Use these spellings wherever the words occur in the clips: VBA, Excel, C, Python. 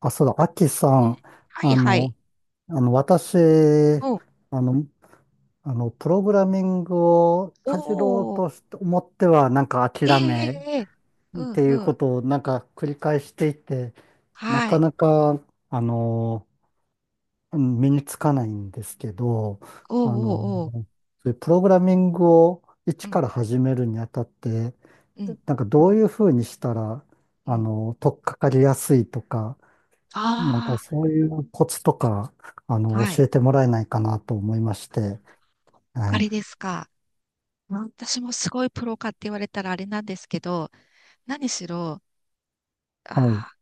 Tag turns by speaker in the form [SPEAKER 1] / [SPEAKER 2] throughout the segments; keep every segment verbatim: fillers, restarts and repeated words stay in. [SPEAKER 1] あ、そうだ、アキさ
[SPEAKER 2] うん。
[SPEAKER 1] ん、
[SPEAKER 2] はい
[SPEAKER 1] あ
[SPEAKER 2] はい。
[SPEAKER 1] の、あの、私、
[SPEAKER 2] うん。
[SPEAKER 1] あの、あの、プログラミングを
[SPEAKER 2] お
[SPEAKER 1] かじろう
[SPEAKER 2] お。
[SPEAKER 1] として思っては、なんか
[SPEAKER 2] ええ
[SPEAKER 1] 諦
[SPEAKER 2] え
[SPEAKER 1] め
[SPEAKER 2] えええ。う
[SPEAKER 1] っ
[SPEAKER 2] ん
[SPEAKER 1] てい
[SPEAKER 2] う
[SPEAKER 1] うこ
[SPEAKER 2] ん。
[SPEAKER 1] とをなんか繰り返していて、な
[SPEAKER 2] は
[SPEAKER 1] か
[SPEAKER 2] い。
[SPEAKER 1] なか、あの、うん身につかないんですけど、
[SPEAKER 2] お
[SPEAKER 1] あの、
[SPEAKER 2] おおーお。
[SPEAKER 1] そういうプログラミングを
[SPEAKER 2] う
[SPEAKER 1] 一か
[SPEAKER 2] ん、
[SPEAKER 1] ら始めるにあたって、
[SPEAKER 2] うん、
[SPEAKER 1] なんかどういうふうにしたら、
[SPEAKER 2] う
[SPEAKER 1] あ
[SPEAKER 2] ん。
[SPEAKER 1] の、取っかかりやすいとか、なんか
[SPEAKER 2] あ
[SPEAKER 1] そういうコツとか、あ
[SPEAKER 2] あ、
[SPEAKER 1] の、
[SPEAKER 2] はい。
[SPEAKER 1] 教えてもらえないかなと思いまして。
[SPEAKER 2] あ
[SPEAKER 1] は
[SPEAKER 2] れで
[SPEAKER 1] い。
[SPEAKER 2] すか。うん、私もすごいプロかって言われたらあれなんですけど、何しろ、
[SPEAKER 1] はい。
[SPEAKER 2] あ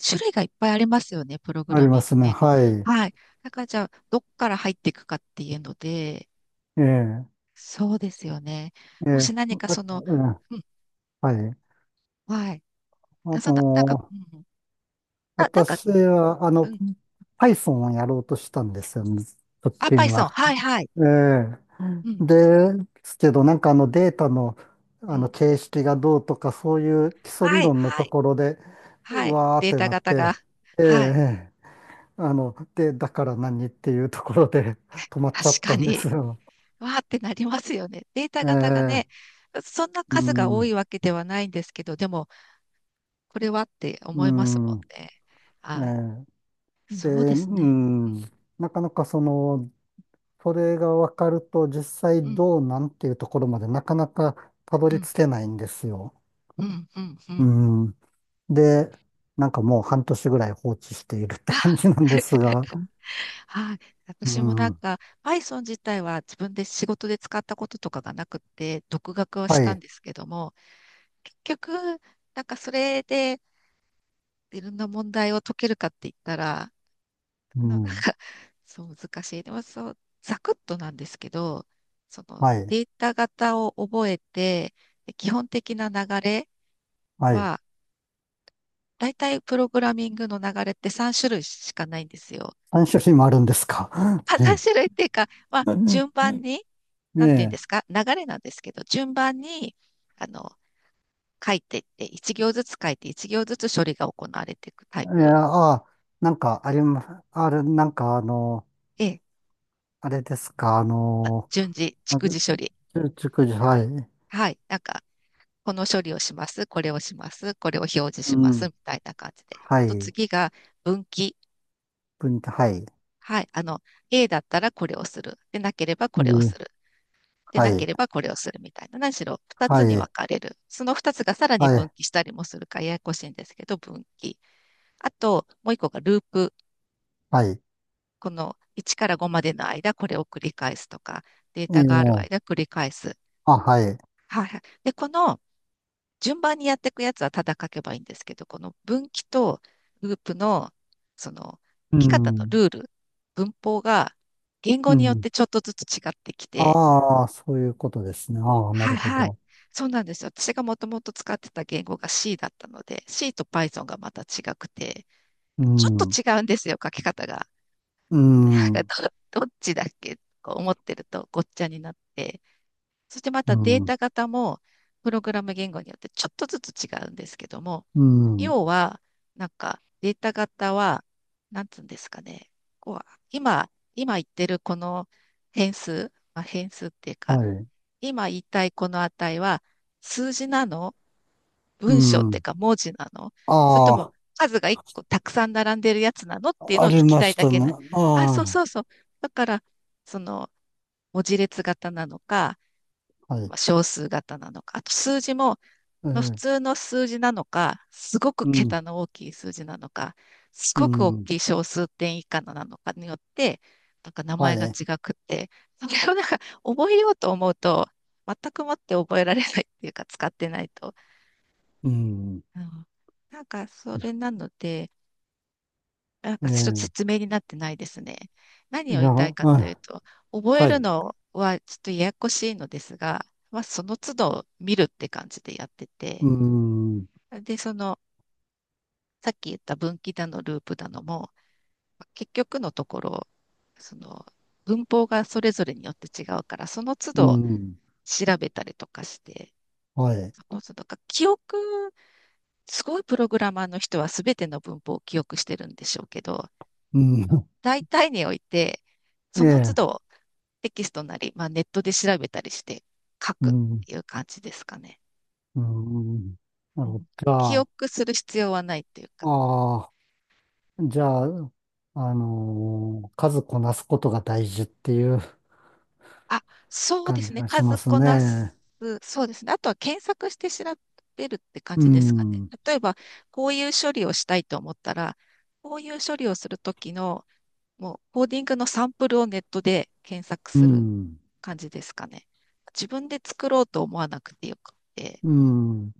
[SPEAKER 2] ー、種類がいっぱいありますよね、プログ
[SPEAKER 1] あり
[SPEAKER 2] ラミ
[SPEAKER 1] ま
[SPEAKER 2] ング
[SPEAKER 1] すね。
[SPEAKER 2] 言語。
[SPEAKER 1] はい。
[SPEAKER 2] はい。だからじゃあ、どっから入っていくかっていうので。
[SPEAKER 1] ええ、
[SPEAKER 2] そうですよね。
[SPEAKER 1] え
[SPEAKER 2] も
[SPEAKER 1] え、
[SPEAKER 2] し何か
[SPEAKER 1] あ、
[SPEAKER 2] その、
[SPEAKER 1] うん、
[SPEAKER 2] うん、
[SPEAKER 1] はい。
[SPEAKER 2] はい。
[SPEAKER 1] あ
[SPEAKER 2] あ、そんな、なんか、
[SPEAKER 1] の、
[SPEAKER 2] うん、あ、なんか、
[SPEAKER 1] 私は、あ
[SPEAKER 2] う
[SPEAKER 1] の、
[SPEAKER 2] ん、
[SPEAKER 1] Python をやろうとしたんですよね、直
[SPEAKER 2] あ、パイ
[SPEAKER 1] 近
[SPEAKER 2] ソン。
[SPEAKER 1] は。
[SPEAKER 2] はい、はい。
[SPEAKER 1] ええ。
[SPEAKER 2] うん、
[SPEAKER 1] ですけど、なんかあのデータの、
[SPEAKER 2] う
[SPEAKER 1] あの
[SPEAKER 2] ん。
[SPEAKER 1] 形式がどうとか、そういう基礎理
[SPEAKER 2] はい、
[SPEAKER 1] 論の
[SPEAKER 2] は
[SPEAKER 1] と
[SPEAKER 2] い、
[SPEAKER 1] ころで、う
[SPEAKER 2] はい。
[SPEAKER 1] わーっ
[SPEAKER 2] デー
[SPEAKER 1] て
[SPEAKER 2] タ
[SPEAKER 1] なっ
[SPEAKER 2] 型が。
[SPEAKER 1] て、え
[SPEAKER 2] はい。
[SPEAKER 1] え。あの、で、だから何っていうところで 止まっち
[SPEAKER 2] 確
[SPEAKER 1] ゃった
[SPEAKER 2] か
[SPEAKER 1] んで
[SPEAKER 2] に。
[SPEAKER 1] すよ。
[SPEAKER 2] わーってなりますよね。データ
[SPEAKER 1] え
[SPEAKER 2] 型が
[SPEAKER 1] え、
[SPEAKER 2] ね、そんな
[SPEAKER 1] う
[SPEAKER 2] 数が多
[SPEAKER 1] ん、
[SPEAKER 2] いわけではないんですけど、でも、これはって
[SPEAKER 1] う
[SPEAKER 2] 思いますもん
[SPEAKER 1] ん、
[SPEAKER 2] ね。
[SPEAKER 1] え
[SPEAKER 2] はい。
[SPEAKER 1] え、で、
[SPEAKER 2] そうで
[SPEAKER 1] う
[SPEAKER 2] すね。
[SPEAKER 1] ん、なかなかその、それが分かると実
[SPEAKER 2] う
[SPEAKER 1] 際
[SPEAKER 2] ん、
[SPEAKER 1] どうなんていうところまでなかなかたど
[SPEAKER 2] う
[SPEAKER 1] り
[SPEAKER 2] ん、
[SPEAKER 1] 着けないんですよ。
[SPEAKER 2] うん、うん、うん。う
[SPEAKER 1] う
[SPEAKER 2] ん、
[SPEAKER 1] ん。で、なんかもう半年ぐらい放置しているって感じ
[SPEAKER 2] あ、
[SPEAKER 1] なんですが、
[SPEAKER 2] はい。
[SPEAKER 1] う
[SPEAKER 2] 私もなん
[SPEAKER 1] ん、
[SPEAKER 2] か、Python 自体は自分で仕事で使ったこととかがなくって、独学をし
[SPEAKER 1] は
[SPEAKER 2] たん
[SPEAKER 1] い、
[SPEAKER 2] ですけども、結局、なんかそれで、いろんな問題を解けるかって言ったら、
[SPEAKER 1] う
[SPEAKER 2] あの、なんか、
[SPEAKER 1] ん、
[SPEAKER 2] そう、難しい。でも、そう、ざくっとなんですけど、その、
[SPEAKER 1] はい、
[SPEAKER 2] データ型を覚えて、で基本的な流れ
[SPEAKER 1] はい。
[SPEAKER 2] は、大体プログラミングの流れってさん種類しかないんですよ。
[SPEAKER 1] 三種類もあるんですか。
[SPEAKER 2] まあ、さん
[SPEAKER 1] ええ。
[SPEAKER 2] 種類っていうか、まあ、順番に、
[SPEAKER 1] ね
[SPEAKER 2] なんていうんで
[SPEAKER 1] え。
[SPEAKER 2] すか、流れなんですけど、順番に、あの、書いていって、いち行ずつ書いて、いち行ずつ処理が行われていくタイ
[SPEAKER 1] えー、
[SPEAKER 2] プ。
[SPEAKER 1] ああ、なんかありま、あれ、なんかあの、
[SPEAKER 2] ええ、
[SPEAKER 1] あれですか、あの、
[SPEAKER 2] 順次、
[SPEAKER 1] あ
[SPEAKER 2] 逐
[SPEAKER 1] じ
[SPEAKER 2] 次処理。
[SPEAKER 1] ゅ熟女、はい、
[SPEAKER 2] はい。なんか、この処理をします、これをします、これを表示しま
[SPEAKER 1] う
[SPEAKER 2] す、
[SPEAKER 1] ん、
[SPEAKER 2] みたいな感じで。
[SPEAKER 1] は
[SPEAKER 2] と
[SPEAKER 1] い、
[SPEAKER 2] 次が分岐。
[SPEAKER 1] 文、はい、
[SPEAKER 2] はい。あの、A だったらこれをする。でなければこれを
[SPEAKER 1] う
[SPEAKER 2] する。で
[SPEAKER 1] は
[SPEAKER 2] なけ
[SPEAKER 1] い、
[SPEAKER 2] ればこれをするみたいな。何しろ2
[SPEAKER 1] は
[SPEAKER 2] つに
[SPEAKER 1] い、
[SPEAKER 2] 分かれる。そのふたつがさらに
[SPEAKER 1] は
[SPEAKER 2] 分
[SPEAKER 1] い、
[SPEAKER 2] 岐したりもするからややこしいんですけど、分岐。あと、もういっこがループ。
[SPEAKER 1] はい、
[SPEAKER 2] このいちからごまでの間、これを繰り返すとか、デー
[SPEAKER 1] え
[SPEAKER 2] タがある間
[SPEAKER 1] え、
[SPEAKER 2] 繰り返す。
[SPEAKER 1] あ、はい、
[SPEAKER 2] はい。で、この順番にやっていくやつはただ書けばいいんですけど、この分岐とループの、その、
[SPEAKER 1] う
[SPEAKER 2] 書き方の
[SPEAKER 1] ん、
[SPEAKER 2] ルール、文法が言語
[SPEAKER 1] う
[SPEAKER 2] によっ
[SPEAKER 1] ん、
[SPEAKER 2] てちょっとずつ違ってきて、
[SPEAKER 1] ああ、そういうことですね。ああ、な
[SPEAKER 2] は
[SPEAKER 1] る
[SPEAKER 2] い
[SPEAKER 1] ほ
[SPEAKER 2] はい。
[SPEAKER 1] ど。
[SPEAKER 2] そうなんですよ。私がもともと使ってた言語が C だったので、C と Python がまた違くて、
[SPEAKER 1] う
[SPEAKER 2] ちょっと
[SPEAKER 1] ん、う
[SPEAKER 2] 違うんですよ、書き方が。
[SPEAKER 1] ん、
[SPEAKER 2] なんかど、どっちだっけとか思ってるとごっちゃになって、そしてま
[SPEAKER 1] う
[SPEAKER 2] たデー
[SPEAKER 1] ん、
[SPEAKER 2] タ型も、プログラム言語によってちょっとずつ違うんですけども、
[SPEAKER 1] うん、
[SPEAKER 2] 要は、なんかデータ型は、なんつうんですかね、こう今、今言ってるこの変数、まあ、変数っていう
[SPEAKER 1] は
[SPEAKER 2] か、
[SPEAKER 1] い、
[SPEAKER 2] 今言いたいこの値は数字なの、
[SPEAKER 1] う
[SPEAKER 2] 文章っていう
[SPEAKER 1] ん、
[SPEAKER 2] か文字なの、それとも
[SPEAKER 1] あ
[SPEAKER 2] 数が一個たくさん並んでるやつなのっていう
[SPEAKER 1] あ、
[SPEAKER 2] の
[SPEAKER 1] あ
[SPEAKER 2] を聞
[SPEAKER 1] り
[SPEAKER 2] き
[SPEAKER 1] ま
[SPEAKER 2] たい
[SPEAKER 1] し
[SPEAKER 2] だ
[SPEAKER 1] た
[SPEAKER 2] け
[SPEAKER 1] ね。
[SPEAKER 2] な。あ、そう
[SPEAKER 1] あ
[SPEAKER 2] そうそう。だから、その文字列型なのか、
[SPEAKER 1] あ、は
[SPEAKER 2] ま
[SPEAKER 1] い、
[SPEAKER 2] あ小数型なのか、あと数字も、
[SPEAKER 1] え
[SPEAKER 2] まあ、普
[SPEAKER 1] え、
[SPEAKER 2] 通の数字なのか、すごく
[SPEAKER 1] うん、
[SPEAKER 2] 桁の大きい数字なのか、す
[SPEAKER 1] う
[SPEAKER 2] ごく大
[SPEAKER 1] ん。
[SPEAKER 2] きい小数点以下のなのかによって、なんか名
[SPEAKER 1] は
[SPEAKER 2] 前が
[SPEAKER 1] い。
[SPEAKER 2] 違くって、それをなんか覚えようと思うと、全くもって覚えられないっていうか使ってないと。
[SPEAKER 1] うん。
[SPEAKER 2] うん、なんかそれなので、なん
[SPEAKER 1] え
[SPEAKER 2] かちょっと
[SPEAKER 1] え、
[SPEAKER 2] 説明になってないですね。何
[SPEAKER 1] い
[SPEAKER 2] を言
[SPEAKER 1] や、
[SPEAKER 2] いたいかという
[SPEAKER 1] あ、
[SPEAKER 2] と、覚え
[SPEAKER 1] は
[SPEAKER 2] る
[SPEAKER 1] い。
[SPEAKER 2] のはちょっとややこしいのですが、まあその都度見るって感じでやって
[SPEAKER 1] う
[SPEAKER 2] て、
[SPEAKER 1] ん。
[SPEAKER 2] で、その、さっき言った分岐だのループだのも、結局のところ、その、文法がそれぞれによって違うから、その都
[SPEAKER 1] う
[SPEAKER 2] 度
[SPEAKER 1] ん。
[SPEAKER 2] 調べたりとかして、
[SPEAKER 1] はい。
[SPEAKER 2] その都度か、記憶、すごいプログラマーの人は全ての文法を記憶してるんでしょうけど、
[SPEAKER 1] うん。
[SPEAKER 2] 大体において、
[SPEAKER 1] え
[SPEAKER 2] その都
[SPEAKER 1] え、
[SPEAKER 2] 度テキストなり、まあ、ネットで調べたりして書
[SPEAKER 1] う
[SPEAKER 2] くっ
[SPEAKER 1] ん。
[SPEAKER 2] ていう感じですかね。
[SPEAKER 1] うん。な
[SPEAKER 2] う
[SPEAKER 1] る
[SPEAKER 2] ん、
[SPEAKER 1] ほど。じゃ
[SPEAKER 2] 記
[SPEAKER 1] あ、
[SPEAKER 2] 憶する必要はないっていうか。
[SPEAKER 1] ああ、じゃあ、あのー数こなすことが大事っていう
[SPEAKER 2] あ、そうで
[SPEAKER 1] 感
[SPEAKER 2] す
[SPEAKER 1] じ
[SPEAKER 2] ね。
[SPEAKER 1] がしま
[SPEAKER 2] 数
[SPEAKER 1] す
[SPEAKER 2] こなす。
[SPEAKER 1] ね。
[SPEAKER 2] そうですね。あとは検索して調べるって感
[SPEAKER 1] う
[SPEAKER 2] じですかね。
[SPEAKER 1] ん。
[SPEAKER 2] 例えば、こういう処理をしたいと思ったら、こういう処理をするときの、もうコーディングのサンプルをネットで検索
[SPEAKER 1] う
[SPEAKER 2] する
[SPEAKER 1] ん。
[SPEAKER 2] 感じですかね。自分で作ろうと思わなくてよくて。
[SPEAKER 1] うん。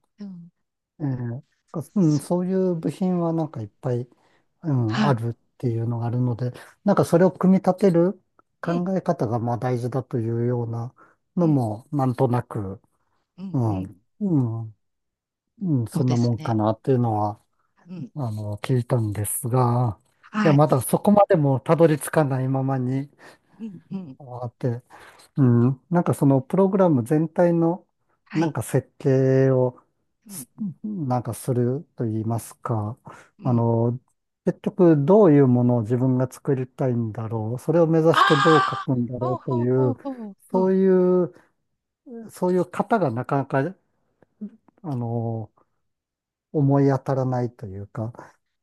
[SPEAKER 1] ええかうん、
[SPEAKER 2] そう、
[SPEAKER 1] そういう部品はなんかいっぱい、うん、
[SPEAKER 2] は
[SPEAKER 1] あ
[SPEAKER 2] い。
[SPEAKER 1] るっていうのがあるので、なんかそれを組み立てる
[SPEAKER 2] う
[SPEAKER 1] 考
[SPEAKER 2] ん、
[SPEAKER 1] え方がまあ大事だというような
[SPEAKER 2] う
[SPEAKER 1] の
[SPEAKER 2] ん、
[SPEAKER 1] も、なんとなく、
[SPEAKER 2] う
[SPEAKER 1] う
[SPEAKER 2] ん、う
[SPEAKER 1] ん、
[SPEAKER 2] ん。
[SPEAKER 1] うん、うん、
[SPEAKER 2] そ
[SPEAKER 1] そ
[SPEAKER 2] う
[SPEAKER 1] ん
[SPEAKER 2] で
[SPEAKER 1] な
[SPEAKER 2] す
[SPEAKER 1] もん
[SPEAKER 2] ね。
[SPEAKER 1] かなっていうのは、
[SPEAKER 2] うん、
[SPEAKER 1] あの、聞いたんですが、いや、
[SPEAKER 2] はい。
[SPEAKER 1] まだそこまでもたどり着かないままに、
[SPEAKER 2] うん、うん、
[SPEAKER 1] あーってうん、なんかそのプログラム全体の
[SPEAKER 2] は
[SPEAKER 1] なん
[SPEAKER 2] い。
[SPEAKER 1] か設計を
[SPEAKER 2] うん、
[SPEAKER 1] すなんかすると言いますか、
[SPEAKER 2] う
[SPEAKER 1] あ
[SPEAKER 2] ん。
[SPEAKER 1] の、結局どういうものを自分が作りたいんだろう、それを目指
[SPEAKER 2] あ
[SPEAKER 1] してどう書
[SPEAKER 2] あ、
[SPEAKER 1] くんだろ
[SPEAKER 2] ほう
[SPEAKER 1] うと
[SPEAKER 2] ほう
[SPEAKER 1] い
[SPEAKER 2] ほう
[SPEAKER 1] う、
[SPEAKER 2] ほう。う
[SPEAKER 1] そ
[SPEAKER 2] ん、
[SPEAKER 1] ういう、そういう型がなかなか、あの、思い当たらないというか、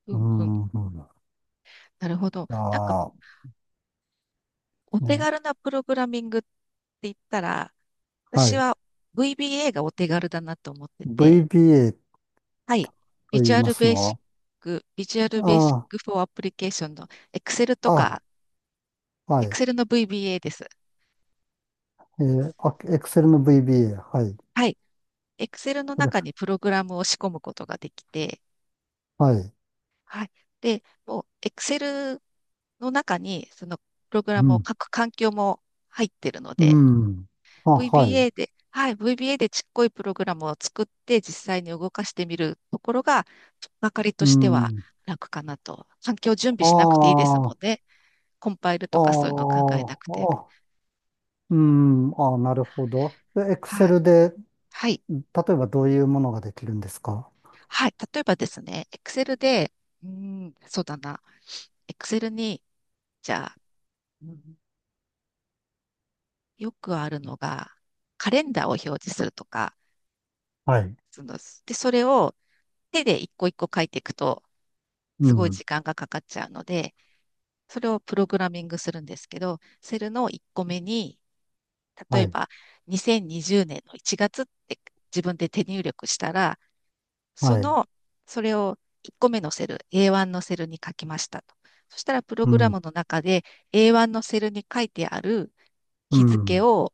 [SPEAKER 2] う
[SPEAKER 1] う
[SPEAKER 2] ん、うん。
[SPEAKER 1] ん、うん、
[SPEAKER 2] なるほど。なんか、
[SPEAKER 1] あ
[SPEAKER 2] お
[SPEAKER 1] あ、
[SPEAKER 2] 手
[SPEAKER 1] ね、
[SPEAKER 2] 軽なプログラミングって言ったら、
[SPEAKER 1] は
[SPEAKER 2] 私
[SPEAKER 1] い。
[SPEAKER 2] は ブイビーエー がお手軽だなと思ってて、
[SPEAKER 1] ブイビーエー
[SPEAKER 2] はい。
[SPEAKER 1] と
[SPEAKER 2] ビジ
[SPEAKER 1] 言い
[SPEAKER 2] ュア
[SPEAKER 1] ま
[SPEAKER 2] ル
[SPEAKER 1] す
[SPEAKER 2] ベー
[SPEAKER 1] の
[SPEAKER 2] シッ
[SPEAKER 1] は、
[SPEAKER 2] ク、ビジュアルベーシッ
[SPEAKER 1] あ
[SPEAKER 2] クフォーアプリケーションの Excel と
[SPEAKER 1] あ、
[SPEAKER 2] か、
[SPEAKER 1] あ、はい。
[SPEAKER 2] Excel の ブイビーエー です。
[SPEAKER 1] えー、あ、Excel の ブイビーエー。はい。
[SPEAKER 2] はい。Excel の
[SPEAKER 1] それ、
[SPEAKER 2] 中にプログラムを仕込むことができて、
[SPEAKER 1] はい。
[SPEAKER 2] はい。で、もう、Excel の中に、その、プログラ
[SPEAKER 1] う
[SPEAKER 2] ムを
[SPEAKER 1] ん。
[SPEAKER 2] 書く環境も入ってるの
[SPEAKER 1] う
[SPEAKER 2] で、
[SPEAKER 1] ん。あ、はい。
[SPEAKER 2] ブイビーエー で、はい、ブイビーエー でちっこいプログラムを作って、実際に動かしてみるところが、とっかかりと
[SPEAKER 1] う
[SPEAKER 2] しては
[SPEAKER 1] ん。
[SPEAKER 2] 楽かなと。環境準備しなくていいです
[SPEAKER 1] あ
[SPEAKER 2] もん
[SPEAKER 1] あ、
[SPEAKER 2] ね。コンパイル
[SPEAKER 1] あ
[SPEAKER 2] とかそういうのを考えな
[SPEAKER 1] あ、
[SPEAKER 2] くて。
[SPEAKER 1] あ、うん。ああ、なるほど。で
[SPEAKER 2] はい。
[SPEAKER 1] Excel で、
[SPEAKER 2] はい。
[SPEAKER 1] 例えばどういうものができるんですか？
[SPEAKER 2] はい。例えばですね、Excel で、うーん、そうだな。Excel に、じゃあ、うん、よくあるのが、カレンダーを表示するとか、
[SPEAKER 1] はい。
[SPEAKER 2] その、で、それを手で一個一個書いていくと、
[SPEAKER 1] う
[SPEAKER 2] すごい
[SPEAKER 1] ん。
[SPEAKER 2] 時間がかかっちゃうので、それをプログラミングするんですけど、セルの一個目に、例
[SPEAKER 1] は
[SPEAKER 2] え
[SPEAKER 1] い。
[SPEAKER 2] ばにせんにじゅうねんのいちがつって自分で手入力したら、そ
[SPEAKER 1] はい。
[SPEAKER 2] の、それを一個目のセル、エーワン のセルに書きましたと。そしたら、プロ
[SPEAKER 1] う
[SPEAKER 2] グラ
[SPEAKER 1] ん。
[SPEAKER 2] ムの中で エーワン のセルに書いてある
[SPEAKER 1] う
[SPEAKER 2] 日付
[SPEAKER 1] ん。
[SPEAKER 2] を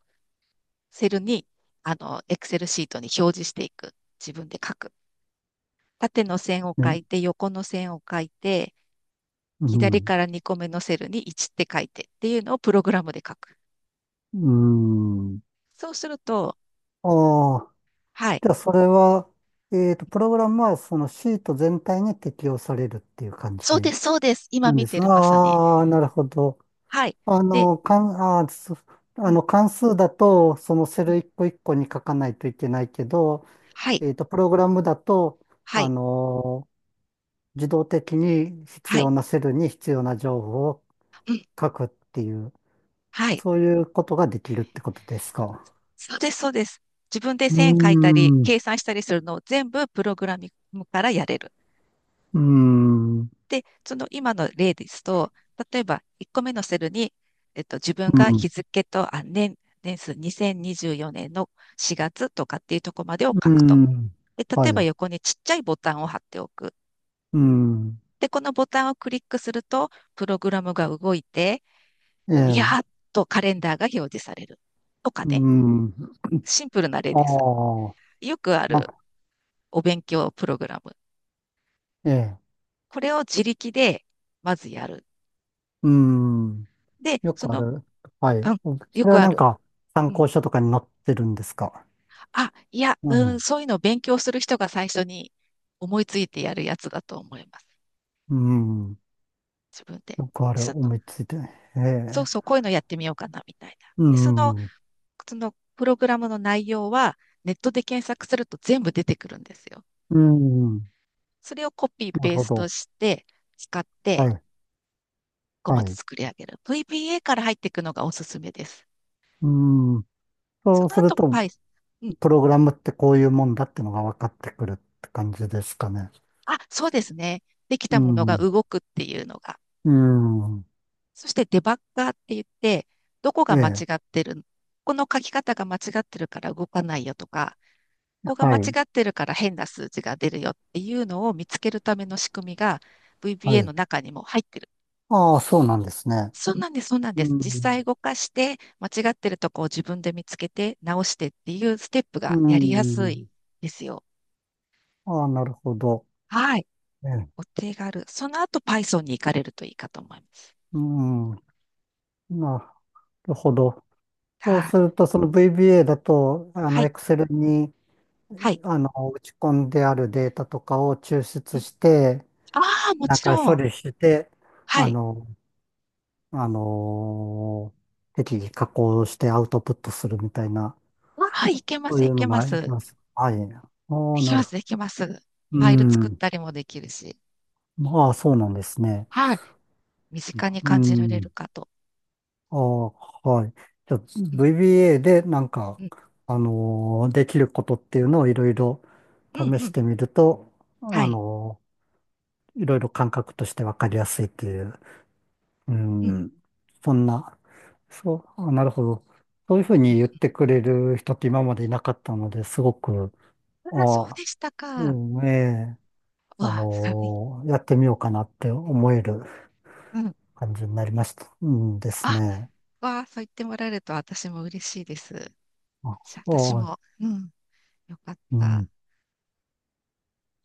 [SPEAKER 2] セルに、あの、エクセルシートに表示していく。自分で書く。縦の線を
[SPEAKER 1] ね、
[SPEAKER 2] 書いて、横の線を書いて、
[SPEAKER 1] う
[SPEAKER 2] 左
[SPEAKER 1] ん。
[SPEAKER 2] からにこめのセルにいちって書いてっていうのをプログラムで書く。
[SPEAKER 1] うん。
[SPEAKER 2] そうすると、
[SPEAKER 1] ああ、
[SPEAKER 2] はい。
[SPEAKER 1] じゃあそれは、えっと、プログラムはそのシート全体に適用されるっていう感じ。
[SPEAKER 2] そうで
[SPEAKER 1] で
[SPEAKER 2] す、そうです。今
[SPEAKER 1] なん
[SPEAKER 2] 見
[SPEAKER 1] です
[SPEAKER 2] て
[SPEAKER 1] が、
[SPEAKER 2] る、まさに。
[SPEAKER 1] ああ、なるほど。
[SPEAKER 2] はい。
[SPEAKER 1] あ
[SPEAKER 2] で、
[SPEAKER 1] の、かん、あー、そ
[SPEAKER 2] う
[SPEAKER 1] あ
[SPEAKER 2] ん、
[SPEAKER 1] の、関数だと、そのセ
[SPEAKER 2] う
[SPEAKER 1] ル
[SPEAKER 2] ん。
[SPEAKER 1] 一個一個に書かないといけないけど、
[SPEAKER 2] はい、
[SPEAKER 1] えっと、プログラムだと、
[SPEAKER 2] は
[SPEAKER 1] あ
[SPEAKER 2] い、
[SPEAKER 1] の、自動的に必
[SPEAKER 2] はい、
[SPEAKER 1] 要なセルに必要な情報を書くっていう、
[SPEAKER 2] はい。
[SPEAKER 1] そういうことができるってことですか。
[SPEAKER 2] そうです、そうです。自分で
[SPEAKER 1] うー
[SPEAKER 2] 線書いたり、
[SPEAKER 1] ん、う
[SPEAKER 2] 計算したりするのを全部プログラミングからやれる。
[SPEAKER 1] ーん、う
[SPEAKER 2] で、その今の例ですと、例えばいっこめのセルに、えっと、自分が
[SPEAKER 1] ん、
[SPEAKER 2] 日付と、あ、年、年数にせんにじゅうよねんのしがつとかっていうところまでを書
[SPEAKER 1] う
[SPEAKER 2] くと。
[SPEAKER 1] ん、
[SPEAKER 2] で、
[SPEAKER 1] は
[SPEAKER 2] 例えば
[SPEAKER 1] い、
[SPEAKER 2] 横にちっちゃいボタンを貼っておく。
[SPEAKER 1] うん、
[SPEAKER 2] で、このボタンをクリックすると、プログラムが動いて、
[SPEAKER 1] え
[SPEAKER 2] いやー
[SPEAKER 1] え、
[SPEAKER 2] っとカレンダーが表示される。とか
[SPEAKER 1] う
[SPEAKER 2] ね、
[SPEAKER 1] ん、
[SPEAKER 2] シンプルな例
[SPEAKER 1] あ
[SPEAKER 2] です。
[SPEAKER 1] あ、
[SPEAKER 2] よくあ
[SPEAKER 1] なん
[SPEAKER 2] る
[SPEAKER 1] か、
[SPEAKER 2] お勉強プログラム。
[SPEAKER 1] ええ、
[SPEAKER 2] これを自力でまずやる。
[SPEAKER 1] うん。
[SPEAKER 2] で、
[SPEAKER 1] よ
[SPEAKER 2] そ
[SPEAKER 1] くあ
[SPEAKER 2] の、
[SPEAKER 1] る。は
[SPEAKER 2] う
[SPEAKER 1] い。
[SPEAKER 2] ん、よ
[SPEAKER 1] それは
[SPEAKER 2] くあ
[SPEAKER 1] なん
[SPEAKER 2] る。
[SPEAKER 1] か参
[SPEAKER 2] うん、
[SPEAKER 1] 考書とかに載ってるんですか？
[SPEAKER 2] あ、いや、
[SPEAKER 1] う
[SPEAKER 2] うん、
[SPEAKER 1] ん。
[SPEAKER 2] そういうのを勉強する人が最初に思いついてやるやつだと思います。
[SPEAKER 1] うん。
[SPEAKER 2] 自分で。
[SPEAKER 1] よくある。
[SPEAKER 2] その
[SPEAKER 1] 思いついて。え
[SPEAKER 2] そうそう、
[SPEAKER 1] え。
[SPEAKER 2] こういうのやってみようかな、みたいな。
[SPEAKER 1] う
[SPEAKER 2] で、その、
[SPEAKER 1] ん。
[SPEAKER 2] そのプログラムの内容は、ネットで検索すると全部出てくるんですよ。
[SPEAKER 1] うん。
[SPEAKER 2] それをコピー
[SPEAKER 1] なる
[SPEAKER 2] ペー
[SPEAKER 1] ほ
[SPEAKER 2] スト
[SPEAKER 1] ど。
[SPEAKER 2] して、使っ
[SPEAKER 1] は
[SPEAKER 2] て、
[SPEAKER 1] い。
[SPEAKER 2] ごま
[SPEAKER 1] は
[SPEAKER 2] つ
[SPEAKER 1] い。
[SPEAKER 2] 作り上げる。ブイビーエー から入っていくのがおすすめです。
[SPEAKER 1] うん。
[SPEAKER 2] そ
[SPEAKER 1] そう
[SPEAKER 2] の
[SPEAKER 1] する
[SPEAKER 2] 後、
[SPEAKER 1] と、
[SPEAKER 2] はい。うん。
[SPEAKER 1] プログラムってこういうもんだってのが分かってくるって感じですかね。
[SPEAKER 2] あ、そうですね。でき
[SPEAKER 1] う
[SPEAKER 2] たものが
[SPEAKER 1] ん。
[SPEAKER 2] 動くっていうのが、
[SPEAKER 1] うん。
[SPEAKER 2] そしてデバッガーって言って、どこ
[SPEAKER 1] え
[SPEAKER 2] が間違
[SPEAKER 1] え。
[SPEAKER 2] ってる、この書き方が間違ってるから動かないよとか、ここが
[SPEAKER 1] は
[SPEAKER 2] 間違
[SPEAKER 1] い。
[SPEAKER 2] ってるから変な数字が出るよっていうのを見つけるための仕組みが
[SPEAKER 1] は
[SPEAKER 2] ブイビーエー
[SPEAKER 1] い。
[SPEAKER 2] の中にも入ってる。
[SPEAKER 1] ああ、そうなんですね。
[SPEAKER 2] そうなんです、そうなんで
[SPEAKER 1] う
[SPEAKER 2] す。実
[SPEAKER 1] ん。
[SPEAKER 2] 際動かして、間違ってるとこを自分で見つけて直してっていうステップ
[SPEAKER 1] う
[SPEAKER 2] がやりやす
[SPEAKER 1] ん。
[SPEAKER 2] いですよ。
[SPEAKER 1] ああ、なるほど。
[SPEAKER 2] はい。
[SPEAKER 1] ええ。
[SPEAKER 2] お手軽。その後 Python に行かれるといいかと思います。
[SPEAKER 1] うん。なるほど。そう
[SPEAKER 2] はい。
[SPEAKER 1] すると、その ブイビーエー だと、あ
[SPEAKER 2] は
[SPEAKER 1] の、
[SPEAKER 2] い。
[SPEAKER 1] Excel に、
[SPEAKER 2] はい。
[SPEAKER 1] あの、打ち込んであるデータとかを抽
[SPEAKER 2] う
[SPEAKER 1] 出
[SPEAKER 2] ん、
[SPEAKER 1] して、
[SPEAKER 2] ああ、も
[SPEAKER 1] なん
[SPEAKER 2] ち
[SPEAKER 1] か
[SPEAKER 2] ろ
[SPEAKER 1] 処
[SPEAKER 2] ん。
[SPEAKER 1] 理して、
[SPEAKER 2] は
[SPEAKER 1] あ
[SPEAKER 2] い。
[SPEAKER 1] の、あの適宜加工してアウトプットするみたいな、
[SPEAKER 2] はい、いけま
[SPEAKER 1] そう
[SPEAKER 2] す、
[SPEAKER 1] い
[SPEAKER 2] い
[SPEAKER 1] う
[SPEAKER 2] け
[SPEAKER 1] の
[SPEAKER 2] ま
[SPEAKER 1] がいき
[SPEAKER 2] す。
[SPEAKER 1] ます。はい。あ
[SPEAKER 2] で
[SPEAKER 1] あ、
[SPEAKER 2] き
[SPEAKER 1] なる
[SPEAKER 2] ます、
[SPEAKER 1] ほ
[SPEAKER 2] できます。フ
[SPEAKER 1] ど。う
[SPEAKER 2] ァイル作っ
[SPEAKER 1] ん。
[SPEAKER 2] たりもできるし。
[SPEAKER 1] ああ、そうなんですね。
[SPEAKER 2] はい。身近に
[SPEAKER 1] う
[SPEAKER 2] 感じられ
[SPEAKER 1] ん。
[SPEAKER 2] るかと。
[SPEAKER 1] ああ、はい。じゃあ、
[SPEAKER 2] うん、
[SPEAKER 1] ブイビーエー でなんか、
[SPEAKER 2] うん、
[SPEAKER 1] あのーできることっていうのをいろいろ
[SPEAKER 2] うん、
[SPEAKER 1] 試
[SPEAKER 2] う
[SPEAKER 1] し
[SPEAKER 2] ん。
[SPEAKER 1] てみると、
[SPEAKER 2] は
[SPEAKER 1] あ
[SPEAKER 2] い。
[SPEAKER 1] のーいろいろ感覚としてわかりやすいっていう、う
[SPEAKER 2] うん、
[SPEAKER 1] ん、そんな、そう、あ、なるほど。そういうふう
[SPEAKER 2] う
[SPEAKER 1] に言っ
[SPEAKER 2] ん。
[SPEAKER 1] てくれる人って今までいなかったので、すごく、
[SPEAKER 2] あ、そう
[SPEAKER 1] ああ、
[SPEAKER 2] でしたか。
[SPEAKER 1] う
[SPEAKER 2] わ
[SPEAKER 1] ん、ええ、あ
[SPEAKER 2] あ、はい。
[SPEAKER 1] のーやってみようかなって思える
[SPEAKER 2] うん。
[SPEAKER 1] 感じになりました。うんです
[SPEAKER 2] あ、
[SPEAKER 1] ね。
[SPEAKER 2] わあ、そう言ってもらえると私も嬉しいです。
[SPEAKER 1] あ、
[SPEAKER 2] じゃあ私
[SPEAKER 1] ああ、
[SPEAKER 2] も、うん、よかっ
[SPEAKER 1] う
[SPEAKER 2] た。
[SPEAKER 1] ん。